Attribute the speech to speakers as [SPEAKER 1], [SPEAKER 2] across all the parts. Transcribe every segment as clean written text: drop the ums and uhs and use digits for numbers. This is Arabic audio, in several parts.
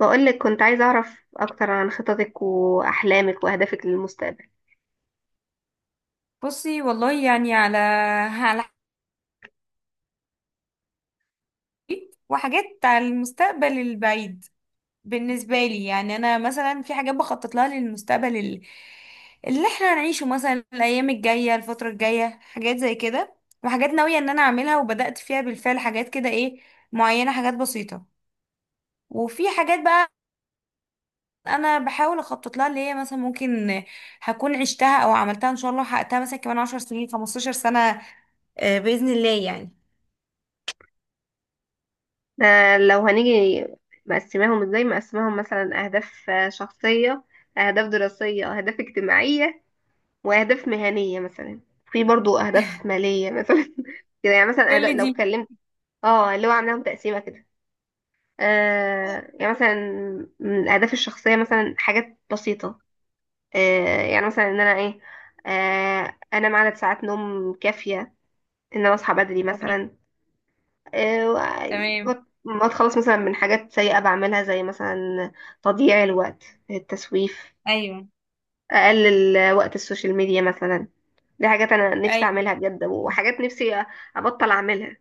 [SPEAKER 1] بقولك كنت عايزة أعرف أكتر عن خططك وأحلامك وأهدافك للمستقبل.
[SPEAKER 2] بصي والله يعني على على حاجات وحاجات على المستقبل البعيد. بالنسبة لي يعني أنا مثلا في حاجات بخطط لها للمستقبل اللي احنا هنعيشه، مثلا الأيام الجاية، الفترة الجاية، حاجات زي كده. وحاجات ناوية إن أنا أعملها وبدأت فيها بالفعل، حاجات كده معينة، حاجات بسيطة. وفي حاجات بقى أنا بحاول أخطط لها، اللي هي مثلا ممكن هكون عشتها أو عملتها إن شاء الله وحققتها مثلا كمان 10 سنين، 15 سنة. آه، بإذن الله يعني.
[SPEAKER 1] ده لو هنيجي، مقسماهم مثلا أهداف شخصية، أهداف دراسية، أهداف اجتماعية، وأهداف مهنية مثلا. في برضو أهداف مالية مثلا كده يعني. مثلا
[SPEAKER 2] كل
[SPEAKER 1] أهداف لو اتكلمت، اه اللي هو عاملاهم تقسيمة كده. يعني مثلا من الأهداف الشخصية مثلا حاجات بسيطة. يعني مثلا إن أنا إيه، أنام عدد ساعات نوم كافية، إن أنا أصحى بدري
[SPEAKER 2] دي
[SPEAKER 1] مثلا. آه،
[SPEAKER 2] تمام.
[SPEAKER 1] وأ- ما اتخلص مثلا من حاجات سيئة بعملها، زي مثلا تضييع الوقت، التسويف،
[SPEAKER 2] ايوه.
[SPEAKER 1] اقلل وقت السوشيال ميديا مثلا. دي حاجات انا نفسي
[SPEAKER 2] ايوه،
[SPEAKER 1] اعملها بجد، وحاجات نفسي ابطل اعملها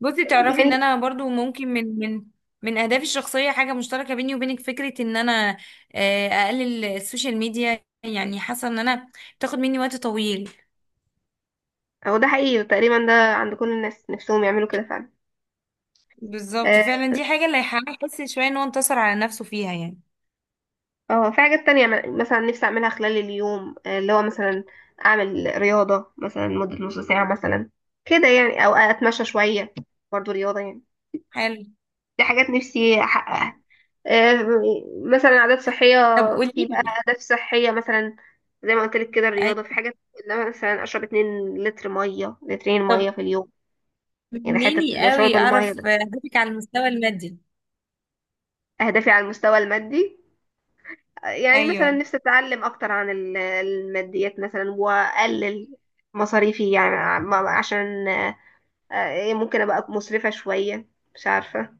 [SPEAKER 2] بصي تعرفي ان
[SPEAKER 1] يعني.
[SPEAKER 2] انا برضو ممكن من اهدافي الشخصيه حاجه مشتركه بيني وبينك، فكره ان انا اقلل السوشيال ميديا. يعني حاسه ان انا بتاخد مني وقت طويل.
[SPEAKER 1] هو ده حقيقي، تقريبا ده عند كل الناس نفسهم يعملوا كده فعلا.
[SPEAKER 2] بالظبط
[SPEAKER 1] اه.
[SPEAKER 2] فعلا، دي حاجه اللي هيخليه يحس شويه ان هو انتصر على نفسه فيها يعني.
[SPEAKER 1] في حاجات تانية، مثلا نفسي اعملها خلال اليوم، اللي هو مثلا اعمل رياضة مثلا مدة نص ساعة مثلا كده يعني، او اتمشى شوية برضو رياضة يعني.
[SPEAKER 2] حلو.
[SPEAKER 1] دي حاجات نفسي احققها. آه، مثلا عادات صحية.
[SPEAKER 2] طب قولي
[SPEAKER 1] في بقى
[SPEAKER 2] لي.
[SPEAKER 1] أهداف صحية مثلا زي ما قلت لك كده الرياضة، في
[SPEAKER 2] أيوة.
[SPEAKER 1] حاجات إن أنا مثلا أشرب 2 لتر مية، لترين مية
[SPEAKER 2] طب
[SPEAKER 1] في اليوم يعني.
[SPEAKER 2] مني
[SPEAKER 1] حتة شرب
[SPEAKER 2] قوي
[SPEAKER 1] المية
[SPEAKER 2] اعرف
[SPEAKER 1] ده
[SPEAKER 2] اهدافك على المستوى المادي.
[SPEAKER 1] أهدافي على المستوى المادي. يعني مثلا
[SPEAKER 2] ايوه.
[SPEAKER 1] نفسي أتعلم أكتر عن الماديات مثلا، وأقلل مصاريفي يعني، عشان ممكن أبقى مسرفة شوية، مش عارفة.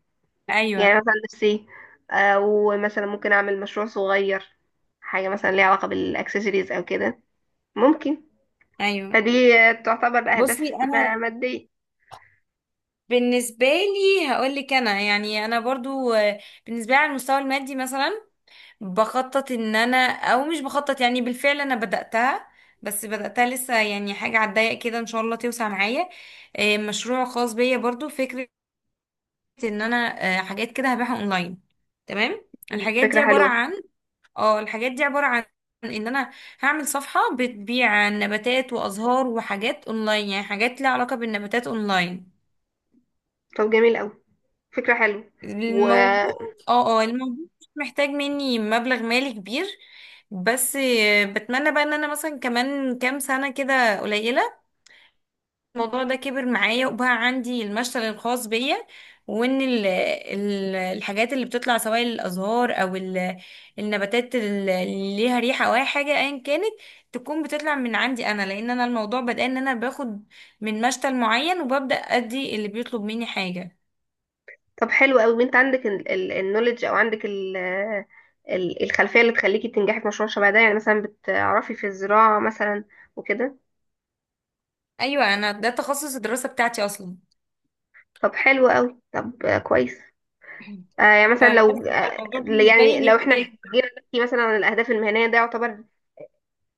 [SPEAKER 2] ايوه.
[SPEAKER 1] يعني مثلا نفسي، ومثلا ممكن أعمل مشروع صغير، حاجة مثلا ليها علاقة بالأكسسوارز أو كده ممكن.
[SPEAKER 2] ايوه،
[SPEAKER 1] فدي تعتبر أهداف
[SPEAKER 2] بصي انا
[SPEAKER 1] مادية.
[SPEAKER 2] بالنسبة لي هقولك. أنا برضو بالنسبة لي على المستوى المادي مثلا بخطط إن أنا، أو مش بخطط، يعني بالفعل أنا بدأتها، بس بدأتها لسه، يعني حاجة على الضيق كده إن شاء الله توسع معايا. مشروع خاص بيا برضو، فكرة إن أنا حاجات كده هبيعها أونلاين. تمام.
[SPEAKER 1] مم.
[SPEAKER 2] الحاجات دي
[SPEAKER 1] فكرة
[SPEAKER 2] عبارة
[SPEAKER 1] حلوة.
[SPEAKER 2] عن، اه الحاجات دي عبارة عن ان انا هعمل صفحة بتبيع نباتات وازهار وحاجات اونلاين. يعني حاجات ليها علاقة بالنباتات اونلاين.
[SPEAKER 1] طب جميل أوي، فكرة حلوة. و
[SPEAKER 2] الموضوع، اه الموضوع مش محتاج مني مبلغ مالي كبير، بس بتمنى بقى ان انا مثلا كمان كام سنة كده قليلة الموضوع ده كبر معايا وبقى عندي المشتل الخاص بيا، وان ال ال الحاجات اللي بتطلع، سواء الازهار او النباتات اللي ليها ريحة او اي حاجة ايا كانت، تكون بتطلع من عندي انا. لان انا الموضوع بدأ ان انا باخد من مشتل معين وببدأ ادي اللي بيطلب مني حاجة.
[SPEAKER 1] طب حلو أوي، أنت عندك النولج أو عندك ال، الخلفية اللي تخليكي تنجحي في مشروع شبه ده، يعني مثلا بتعرفي في الزراعة مثلا وكده.
[SPEAKER 2] ايوه، انا ده تخصص الدراسة بتاعتي اصلا.
[SPEAKER 1] طب حلو أوي، طب كويس.
[SPEAKER 2] فبس
[SPEAKER 1] يعني مثلا لو
[SPEAKER 2] الموضوع بالنسبه
[SPEAKER 1] يعني
[SPEAKER 2] لي
[SPEAKER 1] لو احنا
[SPEAKER 2] نفسي.
[SPEAKER 1] جينا نحكي مثلا عن الأهداف المهنية، ده يعتبر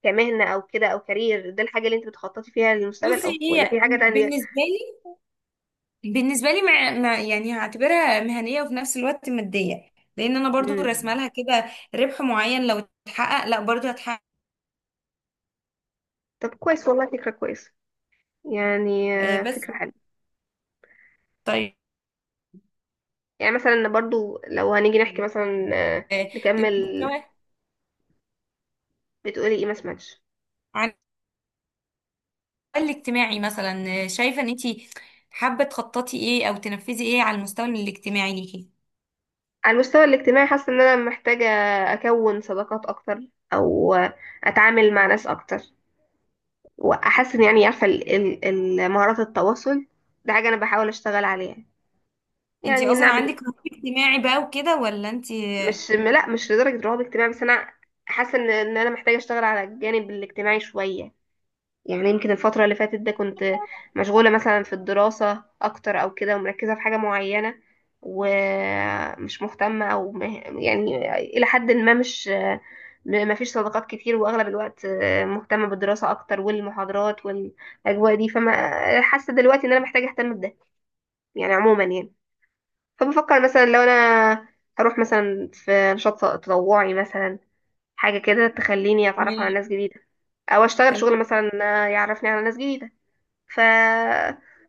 [SPEAKER 1] كمهنة أو كده أو كارير. ده الحاجة اللي أنت بتخططي فيها للمستقبل، أو
[SPEAKER 2] بصي
[SPEAKER 1] ولا
[SPEAKER 2] هي
[SPEAKER 1] في حاجة تانية؟
[SPEAKER 2] بالنسبه لي بالنسبه لي مع، يعني هعتبرها مهنيه وفي نفس الوقت ماديه، لان انا برضو
[SPEAKER 1] مم.
[SPEAKER 2] راسمه لها كده، ربح معين لو اتحقق لا برضو هتحقق.
[SPEAKER 1] طب كويس والله، فكرة كويسة يعني،
[SPEAKER 2] آه، بس.
[SPEAKER 1] فكرة حلوة.
[SPEAKER 2] طيب
[SPEAKER 1] يعني مثلا برضو لو هنيجي نحكي مثلا،
[SPEAKER 2] آه،
[SPEAKER 1] نكمل.
[SPEAKER 2] للمستوى،
[SPEAKER 1] بتقولي ايه؟ ما سمعتش.
[SPEAKER 2] على المستوى الاجتماعي مثلا، شايفه ان انت حابه تخططي ايه او تنفذي ايه على المستوى الاجتماعي ليكي؟
[SPEAKER 1] على المستوى الاجتماعي، حاسة ان انا محتاجة اكون صداقات اكتر، او اتعامل مع ناس اكتر واحسن يعني، عارفة مهارات التواصل. ده حاجة انا بحاول اشتغل عليها
[SPEAKER 2] انت
[SPEAKER 1] يعني.
[SPEAKER 2] اصلا
[SPEAKER 1] نعمل،
[SPEAKER 2] عندك رهاب اجتماعي بقى وكده ولا انت؟ آه،
[SPEAKER 1] مش لدرجة رهاب اجتماعي، بس انا حاسة ان انا محتاجة اشتغل على الجانب الاجتماعي شوية. يعني يمكن الفترة اللي فاتت ده كنت مشغولة مثلا في الدراسة أكتر أو كده، ومركزة في حاجة معينة، ومش مهتمة أو يعني إلى حد ما مش، ما فيش صداقات كتير، وأغلب الوقت مهتمة بالدراسة أكتر والمحاضرات والأجواء دي. فما حاسة دلوقتي إن أنا محتاجة أهتم بده يعني عموما يعني. فبفكر مثلا لو أنا هروح مثلا في نشاط تطوعي مثلا، حاجة كده تخليني أتعرف على ناس
[SPEAKER 2] تمام.
[SPEAKER 1] جديدة، أو أشتغل
[SPEAKER 2] تمام.
[SPEAKER 1] شغل مثلا يعرفني على ناس جديدة. ف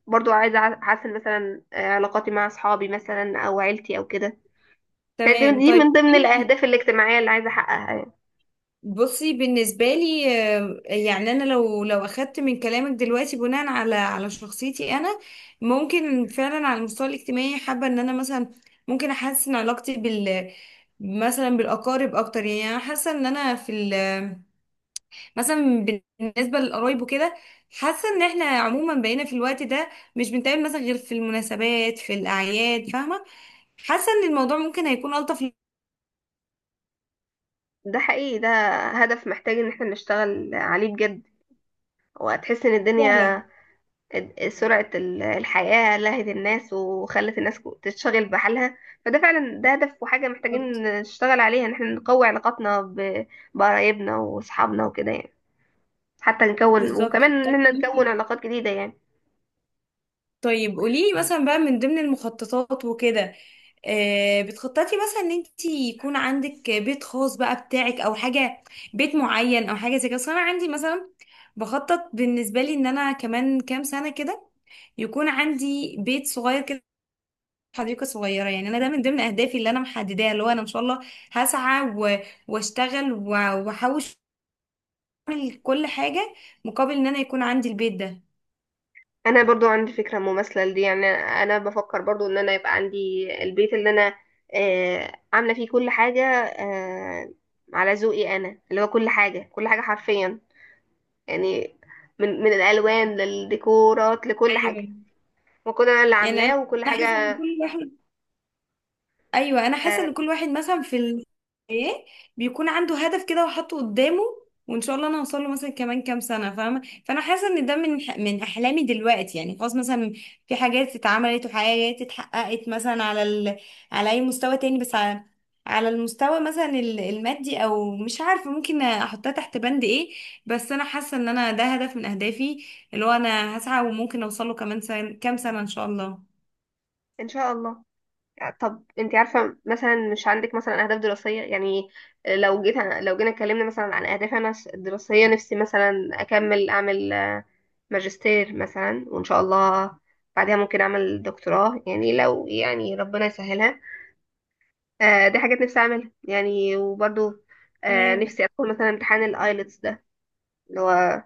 [SPEAKER 1] برضو عايزة أحسن مثلا علاقاتي مع أصحابي مثلا أو عيلتي أو كده. فدي
[SPEAKER 2] تمام.
[SPEAKER 1] دي
[SPEAKER 2] طيب،
[SPEAKER 1] من ضمن الأهداف الاجتماعية اللي عايزة أحققها يعني.
[SPEAKER 2] بصي بالنسبة لي يعني أنا لو لو أخدت من كلامك دلوقتي بناء على على شخصيتي أنا، ممكن فعلا على المستوى الاجتماعي حابة إن أنا مثلا ممكن أحسن علاقتي مثلا بالأقارب أكتر. يعني أنا حاسة إن أنا في ال مثلا بالنسبة للقرايب وكده، حاسة إن إحنا عموما بقينا في الوقت ده مش بنتقابل مثلا غير في المناسبات في الأعياد، فاهمة؟ حاسة إن الموضوع ممكن هيكون ألطف.
[SPEAKER 1] ده حقيقي، ده هدف محتاج إن احنا نشتغل عليه بجد. وهتحس إن الدنيا،
[SPEAKER 2] فعلا.
[SPEAKER 1] سرعة الحياة لهت الناس، وخلت الناس تشتغل بحالها. فده فعلا ده هدف وحاجة محتاجين نشتغل عليها، إن احنا نقوي علاقاتنا بقرايبنا وأصحابنا وكده يعني، حتى نكون،
[SPEAKER 2] بالظبط،
[SPEAKER 1] وكمان
[SPEAKER 2] طب
[SPEAKER 1] إن احنا نكون
[SPEAKER 2] قوليلي،
[SPEAKER 1] علاقات جديدة يعني.
[SPEAKER 2] طيب قوليلي مثلا بقى من ضمن المخططات وكده، بتخططي مثلا ان انت يكون عندك بيت خاص بقى بتاعك او حاجه، بيت معين او حاجه زي كده؟ أصل انا عندي مثلا بخطط، بالنسبه لي ان انا كمان كام سنه كده يكون عندي بيت صغير كده، حديقه صغيره. يعني انا ده من ضمن اهدافي اللي انا محدداها، اللي هو انا ان شاء الله هسعى و- واشتغل واحوش، اعمل كل حاجه مقابل ان انا يكون عندي البيت ده.
[SPEAKER 1] انا برضو عندي فكره مماثله لدي يعني، انا بفكر برضو ان انا يبقى عندي البيت اللي انا آه عامله فيه كل حاجه، آه على ذوقي انا، اللي هو كل حاجه كل حاجه حرفيا يعني، من الالوان للديكورات لكل حاجه،
[SPEAKER 2] ايوه.
[SPEAKER 1] وكل انا اللي
[SPEAKER 2] يعني انا،
[SPEAKER 1] عاملاه وكل
[SPEAKER 2] حاسه ان
[SPEAKER 1] حاجه.
[SPEAKER 2] كل واحد، ايوه انا حاسه
[SPEAKER 1] آه،
[SPEAKER 2] ان كل واحد مثلا ايه، بيكون عنده هدف كده وحاطه قدامه، وان شاء الله انا هوصل له مثلا كمان كام سنه، فاهمه؟ فانا حاسه ان ده من احلامي دلوقتي. يعني خلاص مثلا في حاجات اتعملت وحاجات اتحققت مثلا على اي مستوى تاني، بس على على المستوى مثلا المادي او مش عارفه ممكن احطها تحت بند ايه، بس انا حاسه ان انا ده هدف من اهدافي، اللي هو انا هسعى وممكن اوصل له كمان كام سنه ان شاء الله.
[SPEAKER 1] ان شاء الله. طب انت عارفه، مثلا مش عندك مثلا اهداف دراسيه يعني؟ لو جينا اتكلمنا مثلا عن اهدافي انا الدراسيه، نفسي مثلا اكمل اعمل ماجستير مثلا، وان شاء الله بعدها ممكن اعمل دكتوراه يعني، لو يعني ربنا يسهلها. آه دي حاجات نفسي اعملها يعني، وبرضو آه
[SPEAKER 2] تمام.
[SPEAKER 1] نفسي ادخل مثلا امتحان الايلتس ده، اللي هو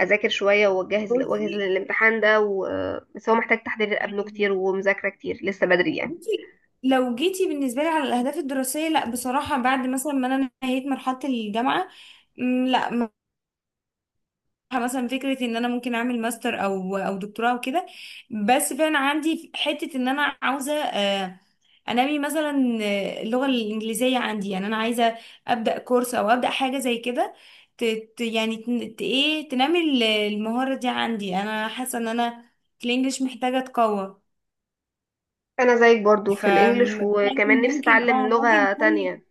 [SPEAKER 1] اذاكر شويه واجهز
[SPEAKER 2] بصي
[SPEAKER 1] واجهز للامتحان ده و... بس هو محتاج تحضير قبله كتير، ومذاكره كتير لسه بدري يعني.
[SPEAKER 2] بصي لو جيتي بالنسبة لي على الأهداف الدراسية، لا بصراحة بعد مثلا ما أنا نهيت مرحلة الجامعة، مم، لا م- مثلا فكرة إن أنا ممكن أعمل ماستر أو دكتوراه وكده، بس فعلا عندي حتة إن أنا عاوزة أنمي مثلا اللغة الإنجليزية عندي. يعني أنا عايزة أبدأ كورس أو أبدأ حاجة زي كده، ت- ت- يعني تن- ت- إيه تنمي المهارة دي عندي. أنا حاسة إن أنا في الإنجليش محتاجة أتقوى.
[SPEAKER 1] انا زيك برضو في الانجليش،
[SPEAKER 2] فكان
[SPEAKER 1] وكمان نفسي
[SPEAKER 2] ممكن،
[SPEAKER 1] اتعلم
[SPEAKER 2] ممكن
[SPEAKER 1] لغه
[SPEAKER 2] تكون.
[SPEAKER 1] تانية.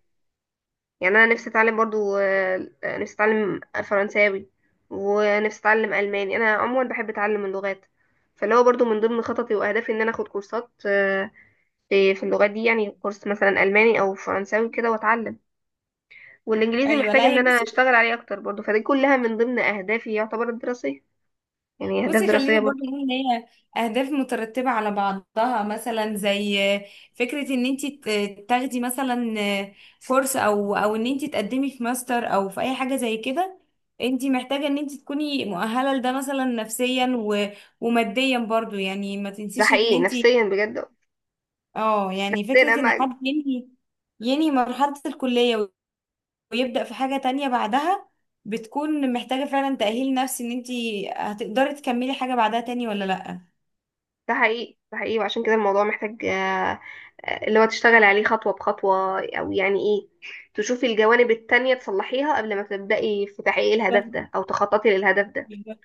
[SPEAKER 1] يعني انا نفسي اتعلم برضو نفسي اتعلم فرنساوي، ونفسي اتعلم الماني. انا عموما بحب اتعلم اللغات. فاللي هو برضو من ضمن خططي واهدافي ان انا اخد كورسات في اللغات دي يعني، كورس مثلا الماني او فرنساوي كده واتعلم. والانجليزي
[SPEAKER 2] ايوه.
[SPEAKER 1] محتاج
[SPEAKER 2] لا
[SPEAKER 1] ان
[SPEAKER 2] هي
[SPEAKER 1] انا
[SPEAKER 2] بصي،
[SPEAKER 1] اشتغل عليه اكتر برضو. فدي كلها من ضمن اهدافي، يعتبر الدراسيه، يعني اهداف
[SPEAKER 2] خلينا
[SPEAKER 1] دراسيه
[SPEAKER 2] برضه
[SPEAKER 1] برضو.
[SPEAKER 2] نقول ان هي اهداف مترتبه على بعضها، مثلا زي فكره ان انت تاخدي مثلا كورس او ان انت تقدمي في ماستر او في اي حاجه زي كده، انت محتاجه ان انت تكوني مؤهله لده مثلا نفسيا وماديا برضه. يعني ما
[SPEAKER 1] ده
[SPEAKER 2] تنسيش ان
[SPEAKER 1] حقيقي،
[SPEAKER 2] انت،
[SPEAKER 1] نفسيا بجد.
[SPEAKER 2] اه يعني
[SPEAKER 1] نفسيا
[SPEAKER 2] فكره ان
[SPEAKER 1] اهم.
[SPEAKER 2] حد ينهي مرحله الكليه ويبدأ في حاجة تانية بعدها، بتكون محتاجة فعلا تأهيل نفسي ان انتي هتقدري تكملي حاجة بعدها تاني ولا لأ.
[SPEAKER 1] ده حقيقي، ده حقيقي. وعشان كده الموضوع محتاج اللي هو تشتغل عليه خطوة بخطوة، أو يعني إيه، تشوفي الجوانب التانية تصلحيها قبل ما تبدأي في تحقيق الهدف
[SPEAKER 2] بالظبط.
[SPEAKER 1] ده، أو تخططي للهدف ده.
[SPEAKER 2] بالظبط.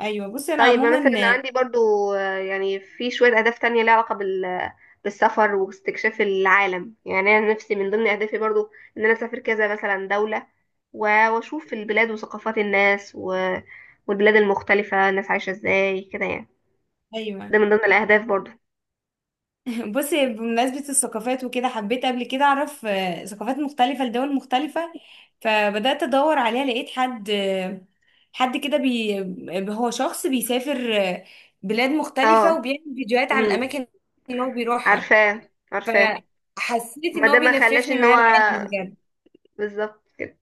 [SPEAKER 2] ايوه بصي انا
[SPEAKER 1] طيب، ما
[SPEAKER 2] عموما.
[SPEAKER 1] مثلا عندي برضو يعني في شوية أهداف تانية ليها علاقة بال، بالسفر واستكشاف العالم. يعني أنا نفسي من ضمن أهدافي برضو، إن أنا أسافر كذا مثلا دولة، و- وأشوف البلاد وثقافات الناس و... والبلاد المختلفة، الناس عايشة إزاي كده يعني. ده
[SPEAKER 2] ايوه.
[SPEAKER 1] من ضمن الأهداف برضو.
[SPEAKER 2] بصي بمناسبة الثقافات وكده، حبيت قبل كده اعرف ثقافات مختلفة لدول مختلفة، فبدأت ادور عليها، لقيت حد، حد كده هو شخص بيسافر بلاد مختلفة
[SPEAKER 1] اه.
[SPEAKER 2] وبيعمل فيديوهات عن
[SPEAKER 1] امم.
[SPEAKER 2] الاماكن اللي هو بيروحها.
[SPEAKER 1] عارفاه عارفاه.
[SPEAKER 2] فحسيت
[SPEAKER 1] ما
[SPEAKER 2] ان
[SPEAKER 1] ده
[SPEAKER 2] هو
[SPEAKER 1] ما خلاش
[SPEAKER 2] بيلففني
[SPEAKER 1] ان هو،
[SPEAKER 2] معاه العالم.
[SPEAKER 1] بالظبط كده.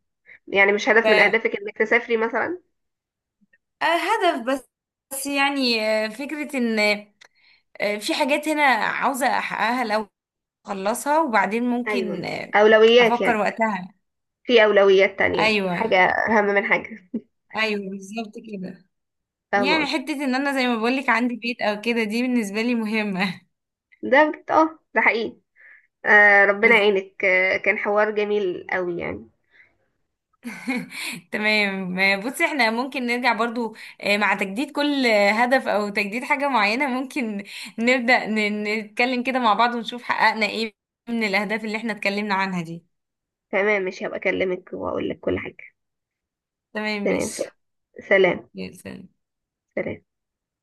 [SPEAKER 1] يعني مش هدف من
[SPEAKER 2] بجد.
[SPEAKER 1] اهدافك انك تسافري مثلا؟
[SPEAKER 2] آه، هدف، بس بس يعني فكرة ان في حاجات هنا عاوزة احققها، لو اخلصها وبعدين ممكن
[SPEAKER 1] ايوه، اولويات
[SPEAKER 2] افكر
[SPEAKER 1] يعني،
[SPEAKER 2] وقتها.
[SPEAKER 1] في اولويات تانية، حاجة
[SPEAKER 2] ايوه.
[SPEAKER 1] اهم من حاجة.
[SPEAKER 2] ايوه بالظبط كده.
[SPEAKER 1] فاهمة
[SPEAKER 2] يعني
[SPEAKER 1] قصدي.
[SPEAKER 2] حتة ان انا زي ما بقولك عندي بيت او كده، دي بالنسبة لي مهمة.
[SPEAKER 1] ده بجد اه، ده حقيقي. آه ربنا
[SPEAKER 2] بس.
[SPEAKER 1] يعينك. آه كان حوار جميل قوي يعني.
[SPEAKER 2] تمام. بصي احنا ممكن نرجع برضو مع تجديد كل هدف او تجديد حاجة معينة، ممكن نبدأ نتكلم كده مع بعض ونشوف حققنا ايه من الاهداف اللي احنا اتكلمنا عنها دي.
[SPEAKER 1] تمام، مش هبقى اكلمك واقول لك كل حاجة.
[SPEAKER 2] تمام
[SPEAKER 1] تمام.
[SPEAKER 2] ماشي.
[SPEAKER 1] سلام.
[SPEAKER 2] جدا.
[SPEAKER 1] سلام.